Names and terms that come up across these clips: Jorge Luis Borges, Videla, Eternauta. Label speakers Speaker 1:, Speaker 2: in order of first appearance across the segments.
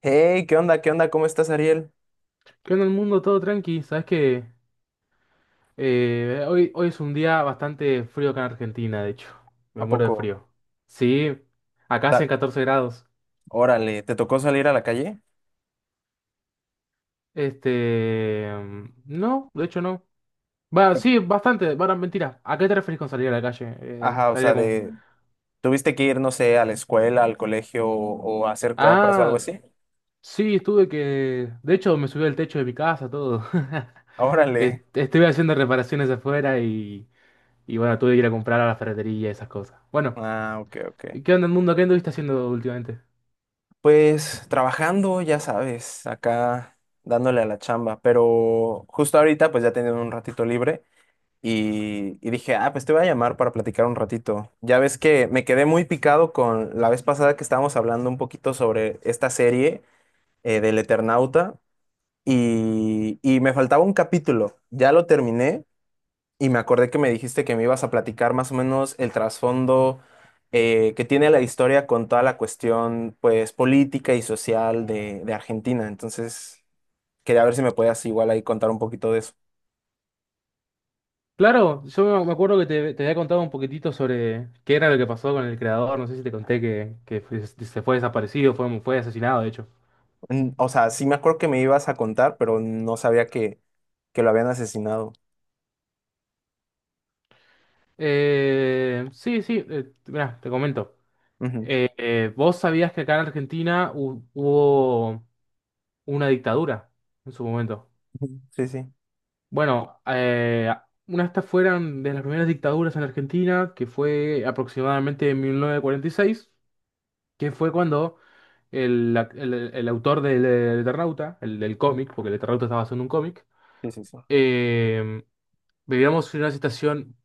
Speaker 1: Hey, ¿qué onda? ¿Qué onda? ¿Cómo estás, Ariel?
Speaker 2: ¿Qué onda el mundo? Todo tranqui. Sabes que hoy es un día bastante frío acá en Argentina, de hecho.
Speaker 1: ¿A
Speaker 2: Me muero de
Speaker 1: poco?
Speaker 2: frío. Sí, acá hace
Speaker 1: Ta-
Speaker 2: 14 grados.
Speaker 1: Órale, ¿te tocó salir a la calle?
Speaker 2: No, de hecho no. Va, sí, bastante. Bueno, mentira. ¿A qué te referís con salir a la calle?
Speaker 1: Ajá, o
Speaker 2: Salir a
Speaker 1: sea,
Speaker 2: con.
Speaker 1: ¿tuviste que ir, no sé, a la escuela, al colegio o a hacer compras o algo
Speaker 2: Ah,
Speaker 1: así?
Speaker 2: sí, estuve que. De hecho, me subí al techo de mi casa, todo.
Speaker 1: Órale.
Speaker 2: Estuve haciendo reparaciones afuera y. Y bueno, tuve que ir a comprar a la ferretería y esas cosas. Bueno,
Speaker 1: Ah, ok, ok.
Speaker 2: ¿qué onda el mundo? ¿Qué anduviste haciendo últimamente?
Speaker 1: Pues trabajando, ya sabes, acá dándole a la chamba, pero justo ahorita pues ya tenía un ratito libre y dije, ah, pues te voy a llamar para platicar un ratito. Ya ves que me quedé muy picado con la vez pasada que estábamos hablando un poquito sobre esta serie, del Eternauta, y me faltaba un capítulo. Ya lo terminé y me acordé que me dijiste que me ibas a platicar más o menos el trasfondo que tiene la historia con toda la cuestión pues política y social de Argentina. Entonces, quería ver si me podías igual ahí contar un poquito de eso.
Speaker 2: Claro, yo me acuerdo que te había contado un poquitito sobre qué era lo que pasó con el creador. No sé si te conté que se fue desaparecido, fue asesinado, de hecho.
Speaker 1: O sea, sí me acuerdo que me ibas a contar, pero no sabía que lo habían asesinado.
Speaker 2: Sí, sí, mirá, te comento.
Speaker 1: Ujú.
Speaker 2: ¿Vos sabías que acá en Argentina hubo una dictadura en su momento?
Speaker 1: Ujú, sí, sí.
Speaker 2: Bueno, una de estas fueron de las primeras dictaduras en Argentina, que fue aproximadamente en 1946, que fue cuando el autor del Eternauta, el del
Speaker 1: Mm.
Speaker 2: cómic, porque el Eternauta estaba haciendo un cómic,
Speaker 1: Sí, sí, sí.
Speaker 2: eh, vivíamos en una situación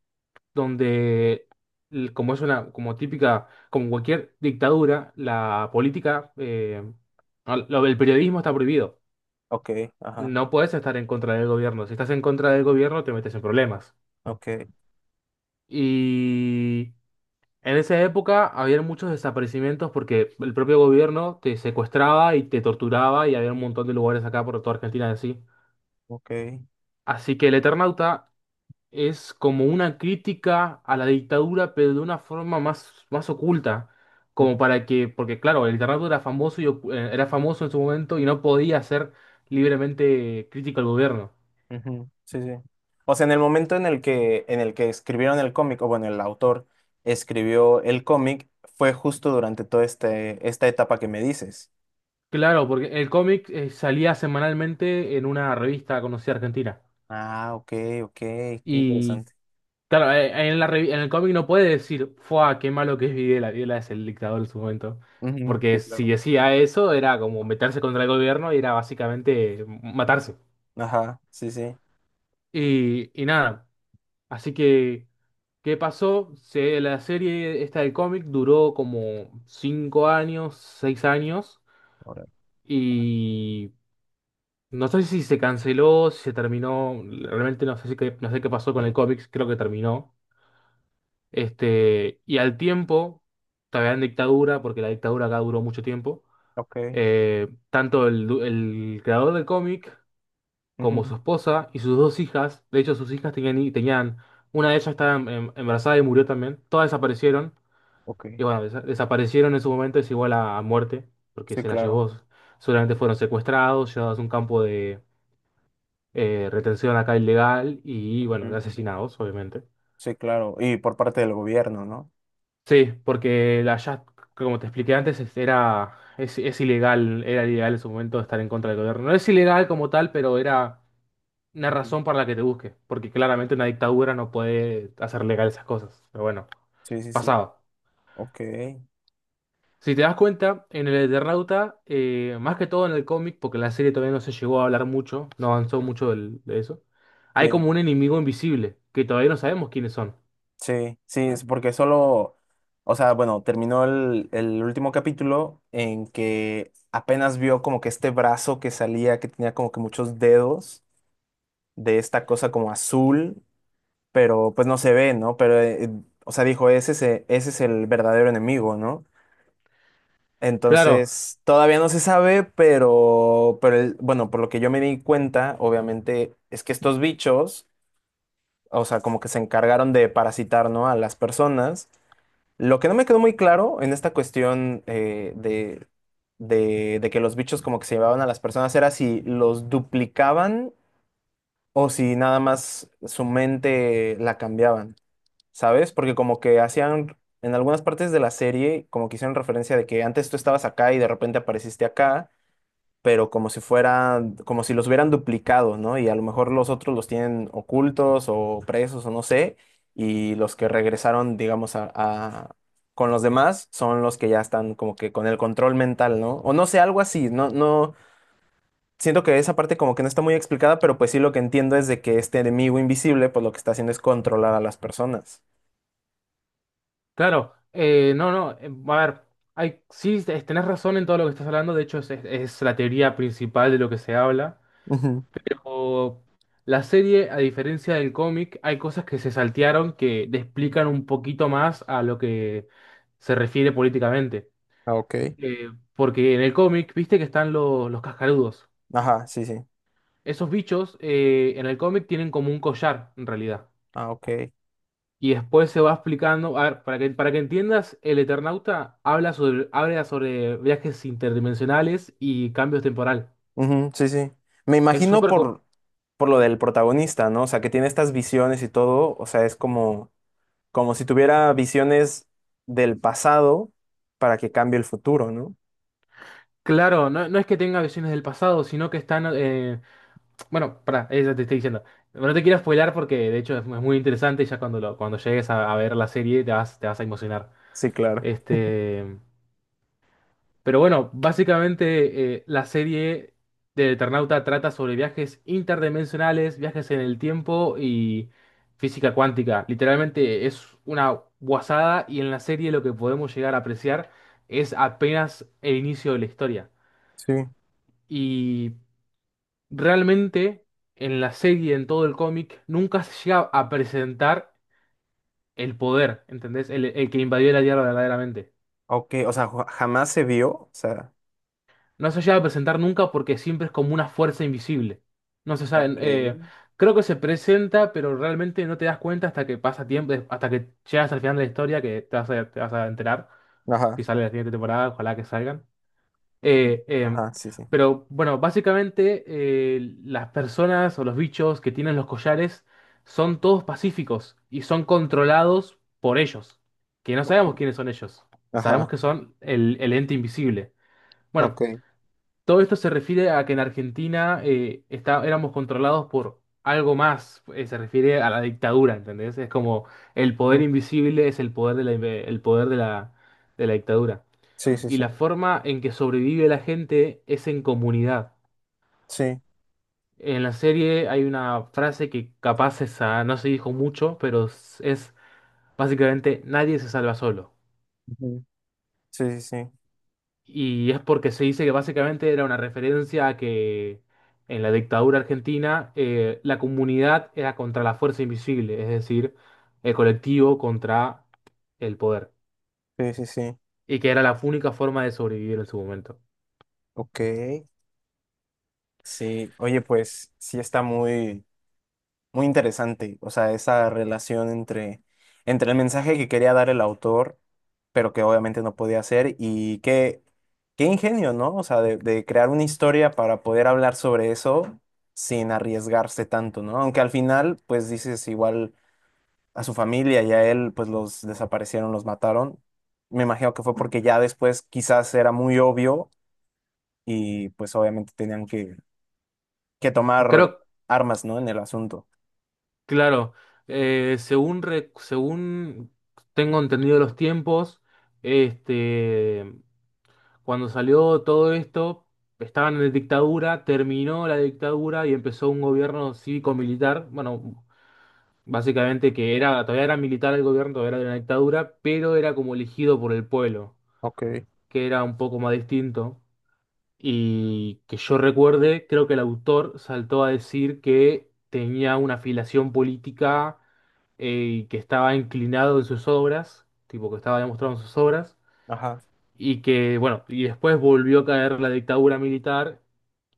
Speaker 2: donde, como es una, como típica, como cualquier dictadura, la política, lo del periodismo está prohibido.
Speaker 1: Ok, ajá.
Speaker 2: No puedes estar en contra del gobierno. Si estás en contra del gobierno, te metes en problemas.
Speaker 1: Ok,
Speaker 2: Y en esa época había muchos desaparecimientos porque el propio gobierno te secuestraba y te torturaba y había un montón de lugares acá por toda Argentina así.
Speaker 1: ok.
Speaker 2: Así que el Eternauta es como una crítica a la dictadura, pero de una forma más, más oculta. Como para que, porque claro, el Eternauta era famoso y era famoso en su momento y no podía ser libremente crítico al gobierno.
Speaker 1: Ujú, sí, sí. O sea, en el momento en el que, escribieron el cómic, o bueno, el autor escribió el cómic, fue justo durante toda esta etapa que me dices.
Speaker 2: Claro, porque el cómic salía semanalmente en una revista conocida argentina.
Speaker 1: Ah, ok, ok, qué
Speaker 2: Y
Speaker 1: interesante.
Speaker 2: claro, en el cómic no puede decir, ¡fua! Qué malo que es Videla. Videla es el dictador en su momento.
Speaker 1: Ujú,
Speaker 2: Porque
Speaker 1: sí,
Speaker 2: si
Speaker 1: claro.
Speaker 2: decía eso, era como meterse contra el gobierno y era básicamente matarse.
Speaker 1: Ajá, sí, sí.
Speaker 2: Y nada. Así que, ¿qué pasó? La serie esta del cómic duró como 5 años, 6 años.
Speaker 1: Ahora.
Speaker 2: Y no sé si se canceló, si se terminó. Realmente no sé, no sé qué pasó con el cómic. Creo que terminó. Este, y al tiempo, todavía en dictadura, porque la dictadura acá duró mucho tiempo,
Speaker 1: Ok.
Speaker 2: tanto el creador del cómic como
Speaker 1: Ujú.
Speaker 2: su esposa y sus dos hijas, de hecho sus hijas tenían, tenían una de ellas estaba embarazada y murió también, todas desaparecieron,
Speaker 1: Ok.
Speaker 2: y bueno, desaparecieron en su momento, es igual a muerte, porque
Speaker 1: Sí,
Speaker 2: se las
Speaker 1: claro.
Speaker 2: llevó, seguramente fueron secuestrados, llevados a un campo de retención acá ilegal y bueno,
Speaker 1: Ujú,
Speaker 2: asesinados, obviamente.
Speaker 1: sí, claro. Y por parte del gobierno, ¿no?
Speaker 2: Sí, porque la Just, como te expliqué antes, es ilegal, era ilegal en su momento estar en contra del gobierno. No es ilegal como tal, pero era una
Speaker 1: Ujú,
Speaker 2: razón para la que te busque, porque
Speaker 1: sí,
Speaker 2: claramente una dictadura no puede hacer legal esas cosas. Pero bueno,
Speaker 1: sí, sí, sí.
Speaker 2: pasaba.
Speaker 1: Ok.
Speaker 2: Si te das cuenta, en el Eternauta, más que todo en el cómic, porque la serie todavía no se llegó a hablar mucho, no avanzó
Speaker 1: Mm.
Speaker 2: mucho de eso, hay
Speaker 1: Sí,
Speaker 2: como un enemigo invisible, que todavía no sabemos quiénes son.
Speaker 1: sí, sí, es porque solo, o sea, bueno, terminó el último capítulo en que apenas vio como que este brazo que salía, que tenía como que muchos dedos de esta cosa como azul, pero pues no se ve, ¿no? Pero, o sea, dijo, ese es el verdadero enemigo, ¿no?
Speaker 2: Claro.
Speaker 1: Entonces, todavía no se sabe, pero, bueno, por lo que yo me di cuenta, obviamente, es que estos bichos, o sea, como que se encargaron de parasitar, ¿no? A las personas. Lo que no me quedó muy claro en esta cuestión de, de que los bichos como que se llevaban a las personas era si los duplicaban o si nada más su mente la cambiaban, ¿sabes? Porque como que hacían, en algunas partes de la serie, como que hicieron referencia de que antes tú estabas acá y de repente apareciste acá, pero como si fueran, como si los hubieran duplicado, ¿no? Y a lo mejor los otros los tienen ocultos o presos o no sé, y los que regresaron, digamos, con los demás son los que ya están como que con el control mental, ¿no? O no sé, algo así, no, no, siento que esa parte como que no está muy explicada, pero pues sí, lo que entiendo es de que este enemigo invisible, pues lo que está haciendo es controlar a las personas.
Speaker 2: Claro, no, no, A ver, hay, sí, tenés razón en todo lo que estás hablando, de hecho es la teoría principal de lo que se habla,
Speaker 1: Ujú.
Speaker 2: pero la serie, a diferencia del cómic, hay cosas que se saltearon que te explican un poquito más a lo que se refiere políticamente.
Speaker 1: Ah, ok.
Speaker 2: Eh, Porque en el cómic, viste que están los cascarudos.
Speaker 1: Ajá, sí, sí.
Speaker 2: Esos bichos en el cómic tienen como un collar, en realidad.
Speaker 1: Ah, ok.
Speaker 2: Y después se va explicando, a ver, para que entiendas, el Eternauta habla sobre viajes interdimensionales y cambios temporal.
Speaker 1: Ujú, sí, sí. Me
Speaker 2: Es
Speaker 1: imagino
Speaker 2: súper com-
Speaker 1: por lo del protagonista, ¿no? O sea, que tiene estas visiones y todo. O sea, es como si tuviera visiones del pasado para que cambie el futuro, ¿no?
Speaker 2: claro, no, no es que tenga visiones del pasado, sino que están, bueno, para, eso te estoy diciendo. No te quiero spoilar porque de hecho es muy interesante y ya cuando llegues a ver la serie te vas a emocionar.
Speaker 1: Sí, claro.
Speaker 2: Este, pero bueno, básicamente la serie de Eternauta trata sobre viajes interdimensionales, viajes en el tiempo y física cuántica. Literalmente es una guasada y en la serie lo que podemos llegar a apreciar es apenas el inicio de la historia.
Speaker 1: Sí.
Speaker 2: Y realmente en la serie, en todo el cómic, nunca se llega a presentar el poder, ¿entendés? El que invadió la Tierra verdaderamente.
Speaker 1: Ok, o sea, jamás se vio. O sea,
Speaker 2: No se llega a presentar nunca porque siempre es como una fuerza invisible. No se
Speaker 1: ok,
Speaker 2: sabe. Creo que se presenta, pero realmente no te das cuenta hasta que pasa tiempo, hasta que llegas al final de la historia, que te vas a enterar. Si
Speaker 1: ajá,
Speaker 2: sale la siguiente temporada, ojalá que salgan. Eh, eh,
Speaker 1: ajá, sí, sí.
Speaker 2: pero bueno, básicamente las personas o los bichos que tienen los collares son todos pacíficos y son controlados por ellos. Que no
Speaker 1: Ok,
Speaker 2: sabemos quiénes son ellos. Sabemos
Speaker 1: ajá,
Speaker 2: que son el ente invisible.
Speaker 1: ok.
Speaker 2: Bueno, todo esto se refiere a que en Argentina éramos controlados por algo más, se refiere a la dictadura, ¿entendés? Es como el poder
Speaker 1: Mm,
Speaker 2: invisible es el poder de el poder de la dictadura.
Speaker 1: sí, sí,
Speaker 2: Y
Speaker 1: sí.
Speaker 2: la forma en que sobrevive la gente es en comunidad.
Speaker 1: Sí.
Speaker 2: En la serie hay una frase que capaz esa no se dijo mucho, pero es básicamente nadie se salva solo.
Speaker 1: Ujú. Sí, sí, sí,
Speaker 2: Y es porque se dice que básicamente era una referencia a que en la dictadura argentina la comunidad era contra la fuerza invisible, es decir, el colectivo contra el poder.
Speaker 1: sí, sí, sí.
Speaker 2: Y que era la única forma de sobrevivir en su momento.
Speaker 1: Ok, sí, oye, pues sí está muy, muy interesante, o sea, esa relación entre el mensaje que quería dar el autor, pero que obviamente no podía hacer, y qué, qué ingenio, ¿no? O sea, de crear una historia para poder hablar sobre eso sin arriesgarse tanto, ¿no? Aunque al final, pues dices, igual a su familia y a él, pues los desaparecieron, los mataron. Me imagino que fue porque ya después quizás era muy obvio y pues obviamente tenían que
Speaker 2: Creo,
Speaker 1: tomar armas, ¿no? En el asunto.
Speaker 2: claro, según tengo entendido los tiempos, este, cuando salió todo esto, estaban en dictadura, terminó la dictadura y empezó un gobierno cívico-militar. Bueno, básicamente que era, todavía era militar el gobierno, todavía era de una dictadura, pero era como elegido por el pueblo,
Speaker 1: Ok,
Speaker 2: que era un poco más distinto. Y que yo recuerde, creo que el autor saltó a decir que tenía una afiliación política y que estaba inclinado en sus obras, tipo que estaba demostrado en sus obras,
Speaker 1: ajá.
Speaker 2: y que, bueno, y después volvió a caer la dictadura militar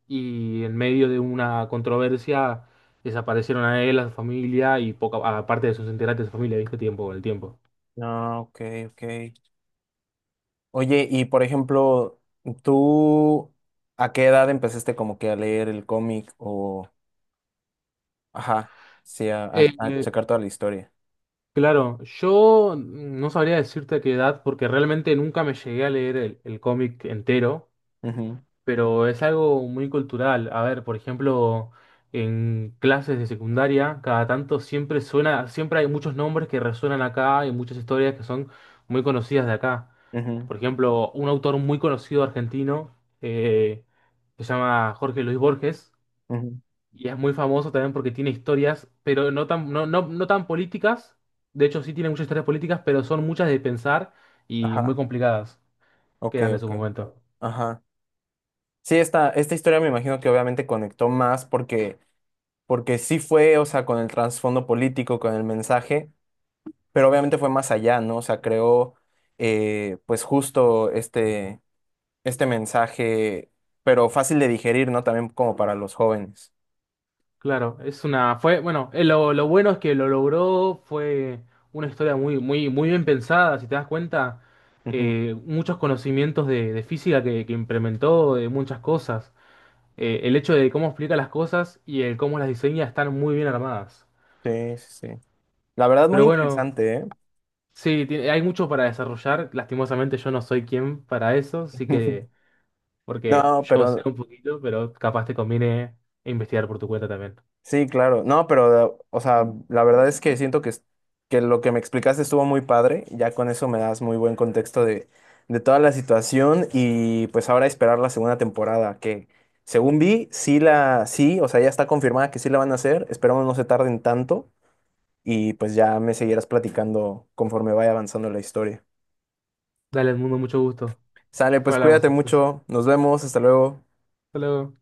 Speaker 2: y en medio de una controversia desaparecieron a él, a su familia y poca, aparte de sus integrantes de su familia, ¿viste? Tiempo, el tiempo.
Speaker 1: Ah, ok, ok. Oye, y por ejemplo, ¿tú a qué edad empezaste como que a leer el cómic o, ajá, sí,
Speaker 2: Eh,
Speaker 1: a
Speaker 2: eh,
Speaker 1: checar toda la historia?
Speaker 2: claro, yo no sabría decirte a qué edad porque realmente nunca me llegué a leer el cómic entero.
Speaker 1: Ujú,
Speaker 2: Pero es algo muy cultural. A ver, por ejemplo, en clases de secundaria, cada tanto siempre suena, siempre hay muchos nombres que resuenan acá y muchas historias que son muy conocidas de acá.
Speaker 1: ujú,
Speaker 2: Por ejemplo, un autor muy conocido argentino eh, se llama Jorge Luis Borges
Speaker 1: ujú.
Speaker 2: y es muy famoso también porque tiene historias, pero no tan políticas. De hecho, sí tiene muchas historias políticas, pero son muchas de pensar y muy
Speaker 1: Ajá,
Speaker 2: complicadas que
Speaker 1: ok,
Speaker 2: eran de su
Speaker 1: ok.
Speaker 2: momento.
Speaker 1: Ajá. Sí, esta historia me imagino que obviamente conectó más porque, sí fue, o sea, con el trasfondo político, con el mensaje, pero obviamente fue más allá, ¿no? O sea, creó, pues justo este mensaje, pero fácil de digerir, ¿no? También como para los jóvenes.
Speaker 2: Claro, es una, fue, bueno, lo bueno es que lo logró, fue una historia muy bien pensada, si te das cuenta,
Speaker 1: Ujú.
Speaker 2: muchos conocimientos de física que implementó, de muchas cosas. El hecho de cómo explica las cosas y el cómo las diseña están muy bien armadas.
Speaker 1: Sí, sí, sí. La verdad, muy
Speaker 2: Pero bueno,
Speaker 1: interesante, ¿eh?
Speaker 2: sí, hay mucho para desarrollar, lastimosamente yo no soy quien para eso, así que, porque
Speaker 1: No,
Speaker 2: yo sé
Speaker 1: pero
Speaker 2: un poquito, pero capaz te conviene investigar por tu cuenta también.
Speaker 1: sí, claro. No, pero, o sea, la verdad es que siento que, que lo que me explicaste estuvo muy padre. Ya con eso me das muy buen contexto de, toda la situación y pues ahora esperar la segunda temporada, que según vi, sí, o sea, ya está confirmada que sí la van a hacer. Esperamos no se tarden tanto. Y pues ya me seguirás platicando conforme vaya avanzando la historia.
Speaker 2: Dale, al mundo, mucho gusto.
Speaker 1: Sale,
Speaker 2: Fue,
Speaker 1: pues
Speaker 2: hablamos
Speaker 1: cuídate
Speaker 2: entonces.
Speaker 1: mucho, nos vemos, hasta luego.
Speaker 2: Hasta luego.